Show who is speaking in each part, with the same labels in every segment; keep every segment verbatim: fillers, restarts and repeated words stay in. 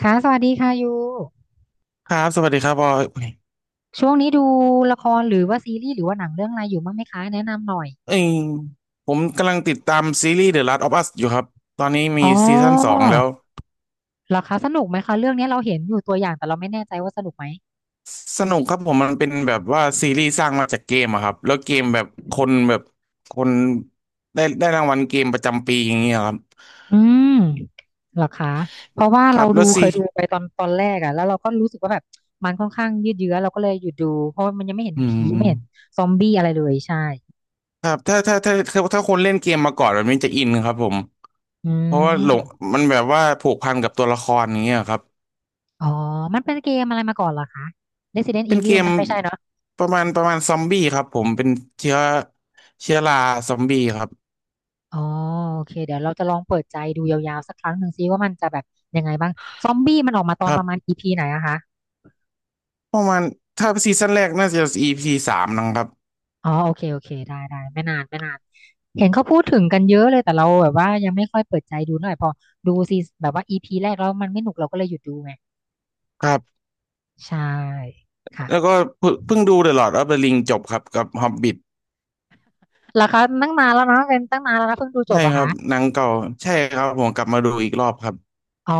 Speaker 1: ค่ะสวัสดีค่ะยู
Speaker 2: ครับสวัสดีครับบอย
Speaker 1: ช่วงนี้ดูละครหรือว่าซีรีส์หรือว่าหนังเรื่องอะไรอยู่บ้างไหมคะแนะนำหน่อย
Speaker 2: เอ้ยผมกำลังติดตามซีรีส์ The Last of Us อยู่ครับ ตอนนี้
Speaker 1: อ๋
Speaker 2: มีซีซั่นสอ
Speaker 1: อ
Speaker 2: งแล้ว
Speaker 1: เหรอคะสนุกไหมคะเรื่องนี้เราเห็นอยู่ตัวอย่างแต่เราไม่แน่ใจว่าสนุกไหม
Speaker 2: สนุกครับผมมันเป็นแบบว่าซีรีส์สร้างมาจากเกมอะครับแล้วเกมแบบคนแบบคนได้ได้รางวัลเกมประจำปีอย่างเงี้ยครับ
Speaker 1: อืมเหรอคะเพราะว่า
Speaker 2: ครั
Speaker 1: เรา
Speaker 2: บ
Speaker 1: ดู
Speaker 2: แล้วซี
Speaker 1: เคยดูไปตอนตอนแรกอะแล้วเราก็รู้สึกว่าแบบมันค่อนข้างยืดเยื้อเราก็เลยหยุดดูเพราะมันยังไม่เห็น
Speaker 2: อื
Speaker 1: ผีไม่เห็น
Speaker 2: ม
Speaker 1: ซอมบี้อะไรเลยใช่
Speaker 2: ครับถ้าถ้าถ้าถ้าถ้าคนเล่นเกมมาก่อนแบบนี้จะอินครับผม
Speaker 1: อื
Speaker 2: เพราะว่าหลง
Speaker 1: ม
Speaker 2: มันแบบว่าผูกพันกับตัวละครอย่างเงี้ยครับ
Speaker 1: อ๋อมันเป็นเกมอะไรมาก่อนเหรอคะ Resident
Speaker 2: เป็นเก
Speaker 1: Evil ไหม
Speaker 2: ม
Speaker 1: ไม่ใช่เนอะ
Speaker 2: ประมาณประมาณซอมบี้ครับผมเป็นเชื้อเชื้อราซอมบี้ครับ
Speaker 1: อ๋อโอเคเดี๋ยวเราจะลองเปิดใจดูยาวๆสักครั้งหนึ่งซิว่ามันจะแบบยังไงบ้างซอมบี้มันออกมาตอ
Speaker 2: ค
Speaker 1: น
Speaker 2: รั
Speaker 1: ป
Speaker 2: บ
Speaker 1: ระมาณ e ีพีไหนอะคะ
Speaker 2: ประมาณถ้าซีซั่นแรกน่าจะ อี พี สามนะครับ
Speaker 1: อ๋อโอเคโอเคได้ได้ไม่นานไม่นานเห็นเขาพูดถึงกันเยอะเลยแต่เราแบบว่ายังไม่ค่อยเปิดใจดูเท่าไหร่พอดูซีแบบว่า e ีพีแรกแล้วมันไม่หนุกเราก็เลยหยุดดูไง
Speaker 2: ครับ
Speaker 1: ใช่ค่ะ
Speaker 2: แล้วก็เพิ่งเพิ่งดู The Lord of the Ring จบครับกับ Hobbit
Speaker 1: เหราคาตั้งนานแล้วนะเป็นตั้งนานแล้วนะเพิ่งดูจ
Speaker 2: ใช่
Speaker 1: บอะ
Speaker 2: ครั
Speaker 1: คะ
Speaker 2: บหนังเก่าใช่ครับผมกลับมาดูอีกรอบครับ
Speaker 1: อ๋อ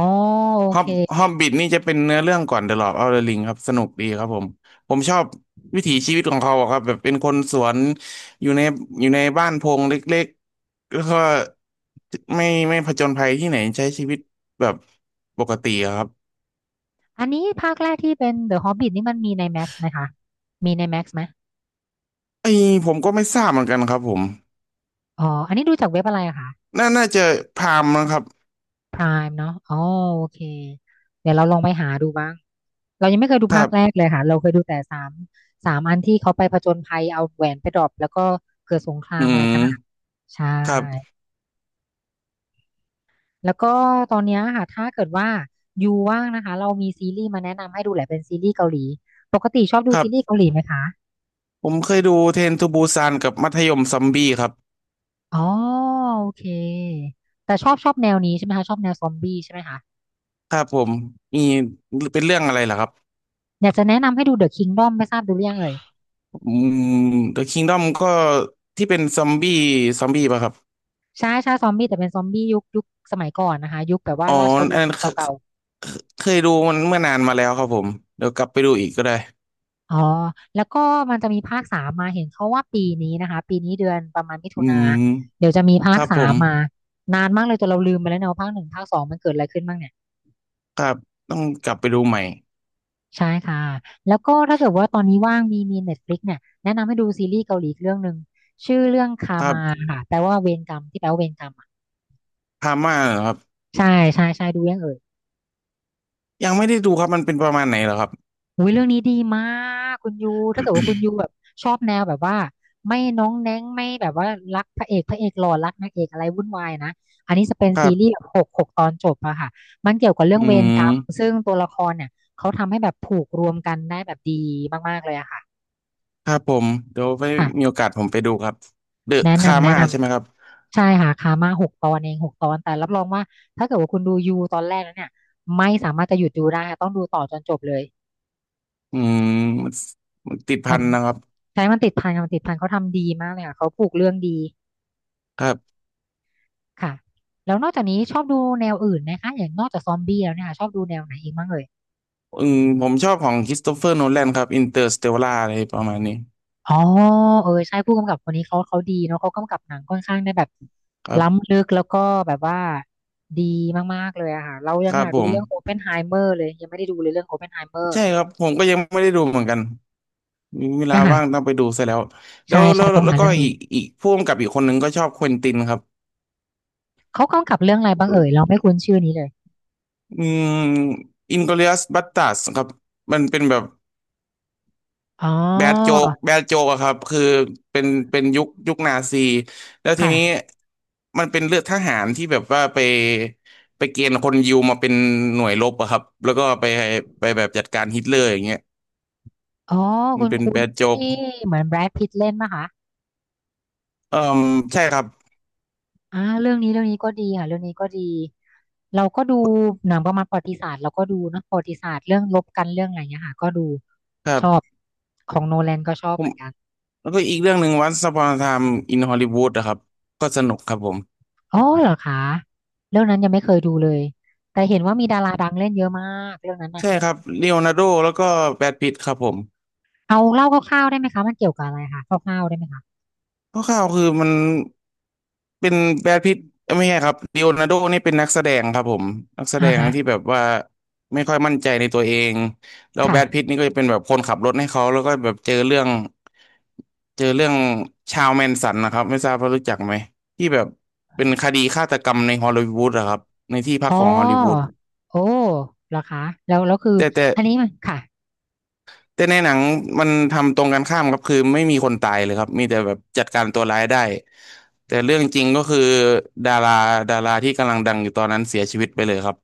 Speaker 1: โอ
Speaker 2: ฮอ
Speaker 1: เค
Speaker 2: บฮอบบิทนี่จะเป็นเนื้อเรื่องก่อนเดอะลอ d ์ออฟเดอะริงครับสนุกดีครับผมผมชอบวิถีชีวิตของเขาอะครับแบบเป็นคนสวนอยู่ในอยู่ในบ้านโพงเล็กๆแล้วก็ไม่ไม่ผจญภัยที่ไหนใช้ชีวิตแบบปกติอะครับ
Speaker 1: อันนี้ภาคแรกที่เป็น เดอะ ฮอบบิท นี่มันมีใน แม็กซ์ ไหมคะมีใน Max ไหม
Speaker 2: ไอ้ผมก็ไม่ทราบเหมือนกันครับผม
Speaker 1: อ๋ออันนี้ดูจากเว็บอะไรอะคะ
Speaker 2: น่าน่าจะพามนะครับ
Speaker 1: พรามเนาะอ๋อโอเคเดี๋ยวเราลองไปหาดูบ้างเรายังไม่เคยดู
Speaker 2: ค
Speaker 1: ภา
Speaker 2: รั
Speaker 1: คแรก
Speaker 2: บ
Speaker 1: เลยค่ะเราเคยดูแต่สามสามอันที่เขาไปผจญภัยเอาแหวนไปดรอปแล้วก็เกิดสงครา
Speaker 2: อื
Speaker 1: มอะไร
Speaker 2: ม
Speaker 1: กันอ่ะใช่
Speaker 2: ครับ
Speaker 1: แล้วก็ตอนเนี้ยค่ะถ้าเกิดว่ายูว่างนะคะเรามีซีรีส์มาแนะนำให้ดูแหละเป็นซีรีส์เกาหลีปกติชอบดู
Speaker 2: ครั
Speaker 1: ซีรีส์
Speaker 2: บ
Speaker 1: เกาหลีไหมคะ
Speaker 2: ผมเคยดูเทรนทูบูซานกับมัธยมซอมบี้ครับ
Speaker 1: อ๋อโอเคแต่ชอบชอบแนวนี้ใช่ไหมคะชอบแนวซอมบี้ใช่ไหมคะ
Speaker 2: ครับผมมีเป็นเรื่องอะไรลหรอครับ
Speaker 1: อยากจะแนะนำให้ดู เดอะ คิงดอม ไม่ทราบดูหรือยังเอ่ย
Speaker 2: อืม The Kingdom ก็ที่เป็นซอมบี้ซอมบี้ป่ะครับ
Speaker 1: ใช่ใช่ซอมบี้แต่เป็นซอมบี้ยุคยุคสมัยก่อนนะคะยุคแบบว่า
Speaker 2: อ๋อ
Speaker 1: ราช
Speaker 2: อัน
Speaker 1: วง
Speaker 2: นั้
Speaker 1: ศ์
Speaker 2: นเค
Speaker 1: เก่า
Speaker 2: เคยดูมันเมื่อนานมาแล้วครับผมเดี๋ยวกลับไปดูอีกก็ได้
Speaker 1: ๆอ๋อแล้วก็มันจะมีภาคสามมาเห็นเขาว่าปีนี้นะคะปีนี้เดือนประมาณมิถุ
Speaker 2: อื
Speaker 1: นา
Speaker 2: ม
Speaker 1: เดี๋ยวจะมีภา
Speaker 2: ค
Speaker 1: ค
Speaker 2: รับผ
Speaker 1: สาม
Speaker 2: ม
Speaker 1: มานานมากเลยจนเราลืมไปแล้วเนอะว่าภาคหนึ่งภาคสองมันเกิดอะไรขึ้นบ้างเนี่ย
Speaker 2: ครับต้องกลับไปดูใหม่
Speaker 1: ใช่ค่ะแล้วก็ถ้าเกิดว่าตอนนี้ว่างมีมีเน็ตฟลิกเนี่ยแนะนำให้ดูซีรีส์เกาหลีอีกเรื่องหนึ่งชื่อเรื่องคา
Speaker 2: ครั
Speaker 1: มา
Speaker 2: บ
Speaker 1: ค่ะแปลว่าเวรกรรมที่แปลว่าเวรกรรมอะ
Speaker 2: พาม่าเหรอครับ
Speaker 1: ใช่ใช่ใช่ดูยังเอ่ย
Speaker 2: ยังไม่ได้ดูครับมันเป็นประมาณไหนเหรอครับ
Speaker 1: อุ้ยเรื่องนี้ดีมากคุณยูถ้าเกิดว่าคุณยูแบบชอบแนวแบบว่าไม่น้องแน้งไม่แบบว่ารักพระเอกพระเอกหล่อรักนางเอกอะไรวุ่นวายนะอันนี้จะเป็น
Speaker 2: ค
Speaker 1: ซี
Speaker 2: รับ
Speaker 1: รีส์แบบหกหกตอนจบอะค่ะมันเกี่ยวกับเรื่อง
Speaker 2: อื
Speaker 1: เวรกรรม
Speaker 2: ม
Speaker 1: ซึ่งตัวละครเนี่ยเขาทำให้แบบผูกรวมกันได้แบบดีมากๆเลยอะค่ะ
Speaker 2: ครับผมเดี๋ยวไปมี
Speaker 1: ค่ะ
Speaker 2: โอกาสผมไปดูครับเดอะ
Speaker 1: แนะ
Speaker 2: คา
Speaker 1: นำแนะ
Speaker 2: ม่า
Speaker 1: น
Speaker 2: ใช่ไหมครับ
Speaker 1: ำใช่ค่ะคามาหกตอนเองหกตอนแต่รับรองว่าถ้าเกิดว่าคุณดูยูตอนแรกแล้วเนี่ยไม่สามารถจะหยุดดูได้ค่ะต้องดูต่อจนจบเลย
Speaker 2: อืมมันมันติดพั
Speaker 1: มัน
Speaker 2: นนะครับ
Speaker 1: ใช้มันติดพันค่ะมันติดพันเขาทำดีมากเลยค่ะเขาผูกเรื่องดี
Speaker 2: ครับ
Speaker 1: ค่ะแล้วนอกจากนี้ชอบดูแนวอื่นไหมคะอย่างนอกจากซอมบี้แล้วเนี่ยค่ะชอบดูแนวไหนอีกบ้างเอ่ย
Speaker 2: อืมผมชอบของค h ิสโตเฟอร์โนแลนครับอินเตอร์สเตลล่าอะไรประมาณนี้
Speaker 1: อ๋อเออใช่ผู้กำกับคนนี้เขาเขาดีเนาะเขากำกับหนังค่อนข้างได้แบบ
Speaker 2: ครับ
Speaker 1: ล้ำลึกแล้วก็แบบว่าดีมากๆเลยอะค่ะเรายั
Speaker 2: ค
Speaker 1: ง
Speaker 2: รั
Speaker 1: อ
Speaker 2: บ
Speaker 1: ยาก
Speaker 2: ผ
Speaker 1: ดู
Speaker 2: ม
Speaker 1: เรื่องโอเพนไฮเมอร์เลยยังไม่ได้ดูเลยเรื่องโอเพนไฮเมอร์
Speaker 2: ใช่ครับผมก็ยังไม่ได้ดูเหมือนกันมีเวลา
Speaker 1: เนี่ยค่ะ
Speaker 2: ว่างต้องไปดูซะแล้วแล้
Speaker 1: ใช่
Speaker 2: วแล้
Speaker 1: ใช่
Speaker 2: ว
Speaker 1: ต้อง
Speaker 2: แล้
Speaker 1: หา
Speaker 2: วก็
Speaker 1: เรื่องดู
Speaker 2: อีกอีกพ่วงกับอีกคนหนึ่งก็ชอบเควินตินครับ
Speaker 1: เขากำกับเรื่องอะไรบ้างเอ่ยเราไม่คุ้นชื่อนี้เลย
Speaker 2: อืมอินกลอริอัสบัสตาร์ดครับมันเป็นแบบ
Speaker 1: อ๋อ
Speaker 2: แบดโจกแบดโจกอะครับคือเป็นเป็นยุคยุคนาซีแล้วทีนี้
Speaker 1: ค่ะ
Speaker 2: มันเป็นเลือดทหารที่แบบว่าไปไปเกณฑ์คนยิวมาเป็นหน่วยรบอะครับแล้วก็ไปไปแบบจัดการฮิตเลอร์อย่างเงี้ย
Speaker 1: อ๋อ
Speaker 2: มั
Speaker 1: ค
Speaker 2: นเป็นแบ
Speaker 1: ุ้น
Speaker 2: ดโจก
Speaker 1: ที่เหมือนแบรดพิตเล่นนะคะ
Speaker 2: เอ่มใช่ครับ
Speaker 1: อ่าเรื่องนี้เรื่องนี้ก็ดีค่ะเรื่องนี้ก็ดีเราก็ดูหนังประมาณประวัติศาสตร์เราก็ดูเนอะประวัติศาสตร์เรื่องรบกันเรื่องอะไรเงี้ยค่ะก็ดู
Speaker 2: ครั
Speaker 1: ชอบ
Speaker 2: บ
Speaker 1: ของโนแลนก็ชอบ
Speaker 2: ผ
Speaker 1: เห
Speaker 2: ม
Speaker 1: มือนกัน
Speaker 2: แล้วก็อีกเรื่องหนึ่งวันส Upon a Time in Hollywood อะครับก็สนุกครับผม
Speaker 1: อ๋อเหรอคะเรื่องนั้นยังไม่เคยดูเลยแต่เห็นว่ามีดาราดังเล่นเยอะมากเรื่องนั้น
Speaker 2: ใช่
Speaker 1: อะ
Speaker 2: ครับเลโอนาร์โดแล้วก็แบรดพิตต์ครับผม
Speaker 1: เอาเล่าคร่าวๆได้ไหมคะมันเกี่ยวกับอะไรคะคร่าวๆได้ไหมคะ
Speaker 2: คร่าวๆคือมันเป็นแบรดพิตต์เอ้ยไม่ใช่ครับลีโอนาร์โดนี่เป็นนักแสดงครับผมนักแส
Speaker 1: อ่า
Speaker 2: ดง
Speaker 1: ฮะ
Speaker 2: ที่แบบว่าไม่ค่อยมั่นใจในตัวเองแล้วแบรดพิต
Speaker 1: ค่ะ
Speaker 2: ต์นี่ก็จะเป็นแบบคนขับรถให้เขาแล้วก็แบบเจอเรื่องเจอเรื่องชาวแมนสันนะครับไม่ทราบว่ารู้จักไหมที่แบบเป็นคดีฆาตกรรมในฮอลลีวูดอะครับในที่พัก
Speaker 1: อ๋อ
Speaker 2: ของฮอลลีวูด
Speaker 1: โอ้เหรอคะแล้วแล้วคือ
Speaker 2: แต่แต่
Speaker 1: อันนี้มันค่ะ
Speaker 2: แต่ในหนังมันทำตรงกันข้ามครับคือไม่มีคนตายเลยครับมีแต่แบบจัดการตัวร้ายได้แต่เรื่องจริงก็คือดาราดาราที่กำลังดังอยู่ตอนนั้นเสียชีวิตไปเลยครับ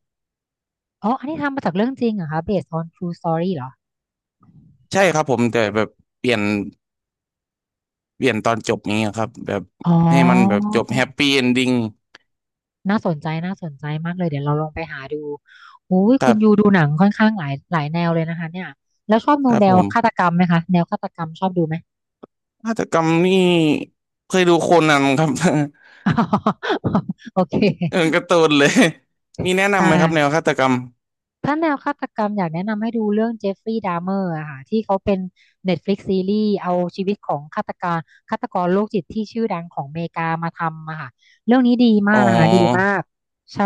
Speaker 1: อ๋อ อันนี้ทำมาจากเรื่องจริงเหรอคะ เบสด์ ออน ทรู สตอรี่ เหรอ
Speaker 2: ใช่ครับผมแต่แบบเปลี่ยนเปลี่ยนตอนจบนี้ครับแบบ
Speaker 1: อ๋
Speaker 2: ให้มันแบบ
Speaker 1: อ
Speaker 2: จบแฮปปี้เอนดิ้ง
Speaker 1: น่าสนใจ น่าสนใจมากเลย เดี๋ยวเราลองไปหาดู อุ้ย
Speaker 2: ค
Speaker 1: คุ
Speaker 2: รั
Speaker 1: ณยู
Speaker 2: บ
Speaker 1: ดูหนังค่อนข้างหลายหลายแนวเลยนะคะเนี่ยแล้วชอบดู
Speaker 2: ครับ
Speaker 1: แน
Speaker 2: ผ
Speaker 1: ว
Speaker 2: ม
Speaker 1: ฆาตกรรมไหมคะ แนวฆาตกรรมชอบดูไหม
Speaker 2: ฆาตกรรมนี่เคยดูโคนันครับ
Speaker 1: โอเค
Speaker 2: เออการ์ตูนเลยมีแนะ
Speaker 1: ใช่
Speaker 2: นำไหมครับแนวฆาตกรรม
Speaker 1: ถ้าแนวฆาตกรรมอยากแนะนำให้ดูเรื่องเจฟฟรีย์ดา m เมอร์อะค่ะที่เขาเป็น เน็ตฟลิกซ์ ซีรีส์เอาชีวิตของฆาตกรฆาตกรโรคจิตที่ชื่อดังของอเมริกามาทำอะค่ะเรื่องนี้ดีมา
Speaker 2: อ๋
Speaker 1: กนะคะดี
Speaker 2: อ
Speaker 1: มากใช่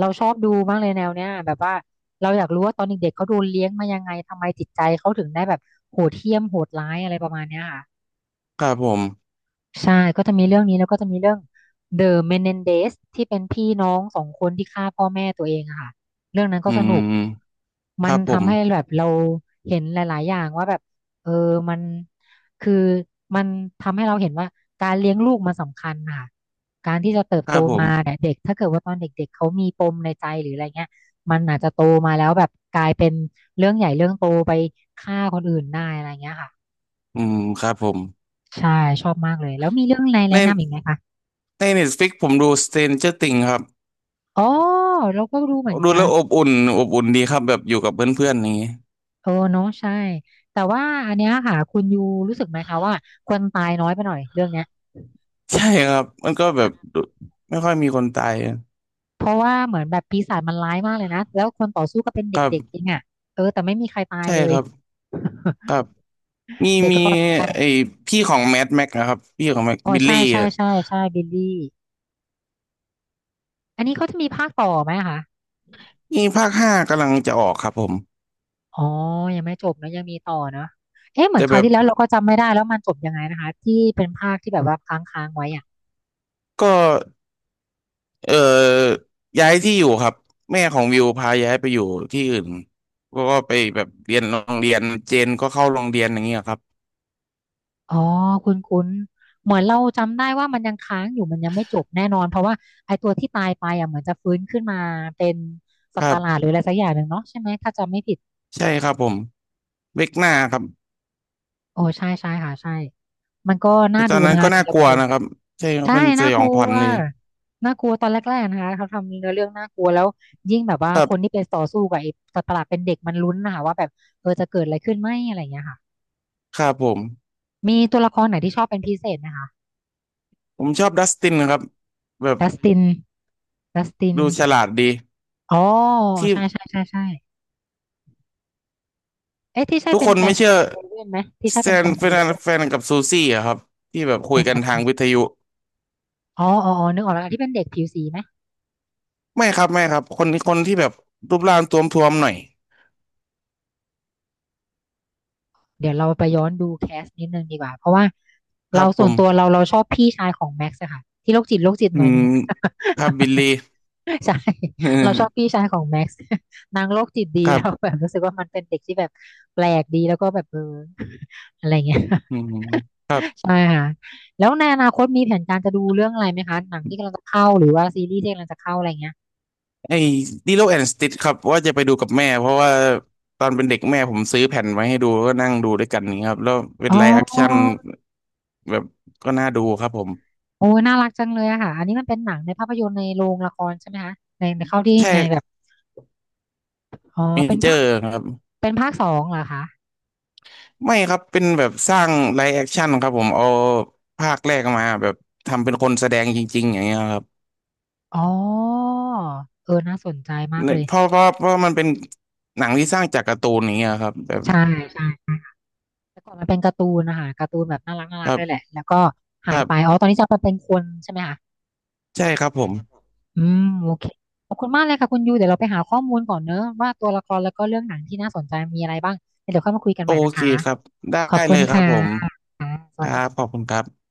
Speaker 1: เราชอบดูมากเลยแนวเนี้ยแบบว่าเราอยากรู้ว่าตอนเด็กๆเขาโดนเลี้ยงมายังไงทำไมจิตใจเขาถึงได้แบบโหดเหี้ยมโหดร้ายอะไรประมาณเนี้ยค่ะ
Speaker 2: ครับผม
Speaker 1: ใช่ก็จะมีเรื่องนี้แล้วก็จะมีเรื่อง เดอะ เมเนนเดซ ที่เป็นพี่น้องสองคนที่ฆ่าพ่อแม่ตัวเองอะค่ะเรื่องนั้นก็
Speaker 2: อื
Speaker 1: สนุก
Speaker 2: มค
Speaker 1: มัน
Speaker 2: รับผม
Speaker 1: ทำให้แบบเราเห็นหลายๆอย่างว่าแบบเออมันคือมันทำให้เราเห็นว่าการเลี้ยงลูกมันสำคัญค่ะ
Speaker 2: ค
Speaker 1: โต
Speaker 2: รับผม
Speaker 1: มาเนี่ยเด็กถ้าเกิดว่าตอนเด็กๆเขามีปมในใจหรืออะไรเงี้ยมันอาจจะโตมาแล้วแบบกลายเป็นเรื่องใหญ่เรื่องโตไปฆ่าคนอื่นได้อะไรเงี้ยค่ะ
Speaker 2: อืมครับผม
Speaker 1: ใช่ชอบมากเลยแล้วมีเรื่องอะไร
Speaker 2: ใน
Speaker 1: แนะนำอีกไหมคะ
Speaker 2: ใน Netflix ผมดู Stranger Things ครับ
Speaker 1: อ๋อเราก็รู้เหมือน
Speaker 2: ดู
Speaker 1: กั
Speaker 2: แล้
Speaker 1: น
Speaker 2: วอบอุ่นอบอุ่นดีครับแบบอยู่กับเพื่อนๆอย่างนี้
Speaker 1: เออเนาะใช่แต่ว่าอันเนี้ยค่ะคุณยูรู้สึกไหมคะว่าคนตายน้อยไปหน่อยเรื่องเนี้ย
Speaker 2: ใช่ครับมันก็แบบดูไม่ค่อยมีคนตาย
Speaker 1: เพราะว่าเหมือนแบบปีศาจมันร้ายมากเลยนะแล้วคนต่อสู้ก็เป็น
Speaker 2: ครั
Speaker 1: เด็กๆเอง
Speaker 2: บ
Speaker 1: อ่ะเออแต่ไม่มีใครตาย
Speaker 2: ใช่
Speaker 1: เล
Speaker 2: ค
Speaker 1: ย
Speaker 2: รับครับมี
Speaker 1: เด็ก
Speaker 2: มี
Speaker 1: รอดไป
Speaker 2: ไอพี่ของแม d แม็กนะครับพี่ของแม็ก
Speaker 1: อ๋อ
Speaker 2: บิล
Speaker 1: ใช่
Speaker 2: ลี่
Speaker 1: ใช่
Speaker 2: อะ
Speaker 1: ใช่ใช่บิลลี่อันนี้เขาจะมีภาคต่อไหมคะ
Speaker 2: นี่ภาคห้ากำลังจะออกครับผม
Speaker 1: อ๋อยังไม่จบนะยังมีต่อเนอะเอ๊ะเหมือ
Speaker 2: แต่
Speaker 1: นครา
Speaker 2: แบ
Speaker 1: ว
Speaker 2: บ
Speaker 1: ที่แล้วเราก็จำไม่ได้แล้วมันจบยังไงนะคะที่เป็นภาคที่แบบว่าค้างๆไว้อะ
Speaker 2: ก็เอ่อย้ายที่อยู่ครับแม่ของวิวพาย้ายไปอยู่ที่อื่นก็ก็ไปแบบเรียนโรงเรียนเจนก็เข้าโรงเรียนอย่างเงี้ยครับ
Speaker 1: อ๋อคุณคุ้นๆเหมือนเราจำได้ว่ามันยังค้างอยู่มันยังไม่จบแน่นอนเพราะว่าไอ้ตัวที่ตายไปอ่ะเหมือนจะฟื้นขึ้นมาเป็นสั
Speaker 2: ค
Speaker 1: ตว์ป
Speaker 2: รั
Speaker 1: ระหลาดห
Speaker 2: บ
Speaker 1: รืออะไรสักอย่างหนึ่งเนาะใช่ไหมถ้าจำไม่ผิด
Speaker 2: ใช่ครับผมเวกหน้าครับ
Speaker 1: โอ้ใช่ใช่ค่ะใช่มันก็น่า
Speaker 2: แต่ต
Speaker 1: ดู
Speaker 2: อนนั้
Speaker 1: นะ
Speaker 2: น
Speaker 1: คะ
Speaker 2: ก็
Speaker 1: นี่
Speaker 2: น่า
Speaker 1: เรา
Speaker 2: ก
Speaker 1: ก็
Speaker 2: ลัว
Speaker 1: ดู
Speaker 2: นะครับใช่ครับ
Speaker 1: ใช่
Speaker 2: เป็นส
Speaker 1: น่า
Speaker 2: ย
Speaker 1: ก
Speaker 2: อ
Speaker 1: ลั
Speaker 2: งขวัญ
Speaker 1: ว
Speaker 2: นี่
Speaker 1: น่ากลัวตอนแรกๆนะคะเขาทำเนื้อเรื่องน่ากลัวแล้วยิ่งแบบว่า
Speaker 2: ครั
Speaker 1: คน
Speaker 2: บ
Speaker 1: ที่เป็นต่อสู้กับไอ้สัตว์ประหลาดเป็นเด็กมันลุ้นนะคะว่าแบบเออจะเกิดอะไรขึ้นไหมอะไรอย่างเงี้ยค่ะ
Speaker 2: ครับผม
Speaker 1: มีตัวละครไหนที่ชอบเป็นพิเศษนะคะ
Speaker 2: ผมชอบดัสตินนะครับแบบ
Speaker 1: ดัสตินดัสติน
Speaker 2: ดูฉลาดดี
Speaker 1: อ๋อ
Speaker 2: ที่
Speaker 1: ใช่ใช่ใช่ใช่เอ๊ะที่ใช่
Speaker 2: ทุก
Speaker 1: เป็
Speaker 2: ค
Speaker 1: น
Speaker 2: น
Speaker 1: แฟ
Speaker 2: ไม่
Speaker 1: น
Speaker 2: เชื่อ
Speaker 1: เลเว่นไหมที่ใช่
Speaker 2: แซ
Speaker 1: เป็นแฟ
Speaker 2: น
Speaker 1: นของ
Speaker 2: เป็น
Speaker 1: เลเว่น
Speaker 2: แฟนกับซูซี่อะครับที่แบบ
Speaker 1: แฟ
Speaker 2: คุย
Speaker 1: น
Speaker 2: กัน
Speaker 1: กับ
Speaker 2: ทา
Speaker 1: ซู
Speaker 2: งวิ
Speaker 1: ซี่
Speaker 2: ทยุ
Speaker 1: อ๋ออ๋ออ๋อนึกออกแล้วที่เป็นเด็กผิวสีไหม
Speaker 2: ไม่ครับไม่ครับคนที่คนที่แบบรูปร่างท้วมๆหน่อย
Speaker 1: เดี๋ยวเราไปย้อนดูแคสนิดนึงดีกว่าเพราะว่า
Speaker 2: ค
Speaker 1: เรา
Speaker 2: รับผ
Speaker 1: ส่วน
Speaker 2: ม
Speaker 1: ตัวเราเราชอบพี่ชายของแม็กซ์อะค่ะที่โรคจิตโรคจิต
Speaker 2: อื
Speaker 1: หน่อยนึ
Speaker 2: ม
Speaker 1: งอะ
Speaker 2: ครับบิลลี่
Speaker 1: ใช่ เราชอบพี่ชายของแม็กซ์ นางโรคจิตดี
Speaker 2: ค รับ
Speaker 1: เราแบบรู้สึกว่ามันเป็นเด็กที่แบบแปลกดีแล้วก็แบบเออ อะไรเงี้ย
Speaker 2: อืม
Speaker 1: ใช่ค่ะแล้วในอนาคตมีแผนการจะดูเรื่องอะไรไหมคะหนังที่กำลังจะเข้าหรือว่าซีรีส์ที่กำลังจะเข้าอะไรเงี้ย
Speaker 2: ไอ้ดิโลแอนด์สติทครับว่าจะไปดูกับแม่เพราะว่าตอนเป็นเด็กแม่ผมซื้อแผ่นไว้ให้ดูก็นั่งดูด้วยกันนี่างเงี้ยครับแล้วเป็
Speaker 1: อ๋
Speaker 2: น
Speaker 1: อ
Speaker 2: ไลฟ์แอคชั่นแบบก็น่าดูครับผม
Speaker 1: โอ้ยน่ารักจังเลยอะค่ะอันนี้มันเป็นหนังในภาพยนตร์ในโรงละครใช่ไหมคะในในเข้าที่
Speaker 2: ใช่
Speaker 1: ในแบบอ๋อ
Speaker 2: เม
Speaker 1: เป็น
Speaker 2: เจอ
Speaker 1: ภาค
Speaker 2: ร์ครับ
Speaker 1: เป็นภาคสองเหรอคะ
Speaker 2: ไม่ครับเป็นแบบสร้างไลฟ์แอคชั่นครับผมเอาภาคแรกมาแบบทำเป็นคนแสดงจริงๆอย่างเงี้ยครับ
Speaker 1: อ๋อเออน่าสนใจมากเล
Speaker 2: เนี่ย
Speaker 1: ย
Speaker 2: เพราะเพราะเพราะมันเป็นหนังที่สร้างจากการ์ตูนอย่างเงี้ยครับแบบ
Speaker 1: ใช่ใช่ แต่ก่อนมันเป็นการ์ตูนนะคะการ์ตูนแบบน่ารักน่า
Speaker 2: ค
Speaker 1: รัก
Speaker 2: รั
Speaker 1: เลยแหละ
Speaker 2: บ
Speaker 1: แล้วก็
Speaker 2: ค
Speaker 1: หาย
Speaker 2: รั
Speaker 1: ไปอ๋
Speaker 2: บ
Speaker 1: อตอนนี้จะมาเป็นคนใช่ไหมคะ
Speaker 2: ใช่ครับผม
Speaker 1: อืมโอเคขอบคุณมากเลยค่ะคุณยูเดี๋ยวเราไปหาข้อมูลก่อนเนอะว่าตัวละครแล้วก็เรื่องหนังที่น่าสนใจมีอะไรบ้างเดี๋ยวค่อยมาคุยกัน
Speaker 2: โอ
Speaker 1: ใหม่นะ
Speaker 2: เค
Speaker 1: คะ
Speaker 2: ครับได้
Speaker 1: ขอบคุ
Speaker 2: เล
Speaker 1: ณ
Speaker 2: ยครับ
Speaker 1: ค่ะ
Speaker 2: ผม
Speaker 1: ส
Speaker 2: ค
Speaker 1: วัส
Speaker 2: รับ
Speaker 1: ดี
Speaker 2: ขอบคุณครับ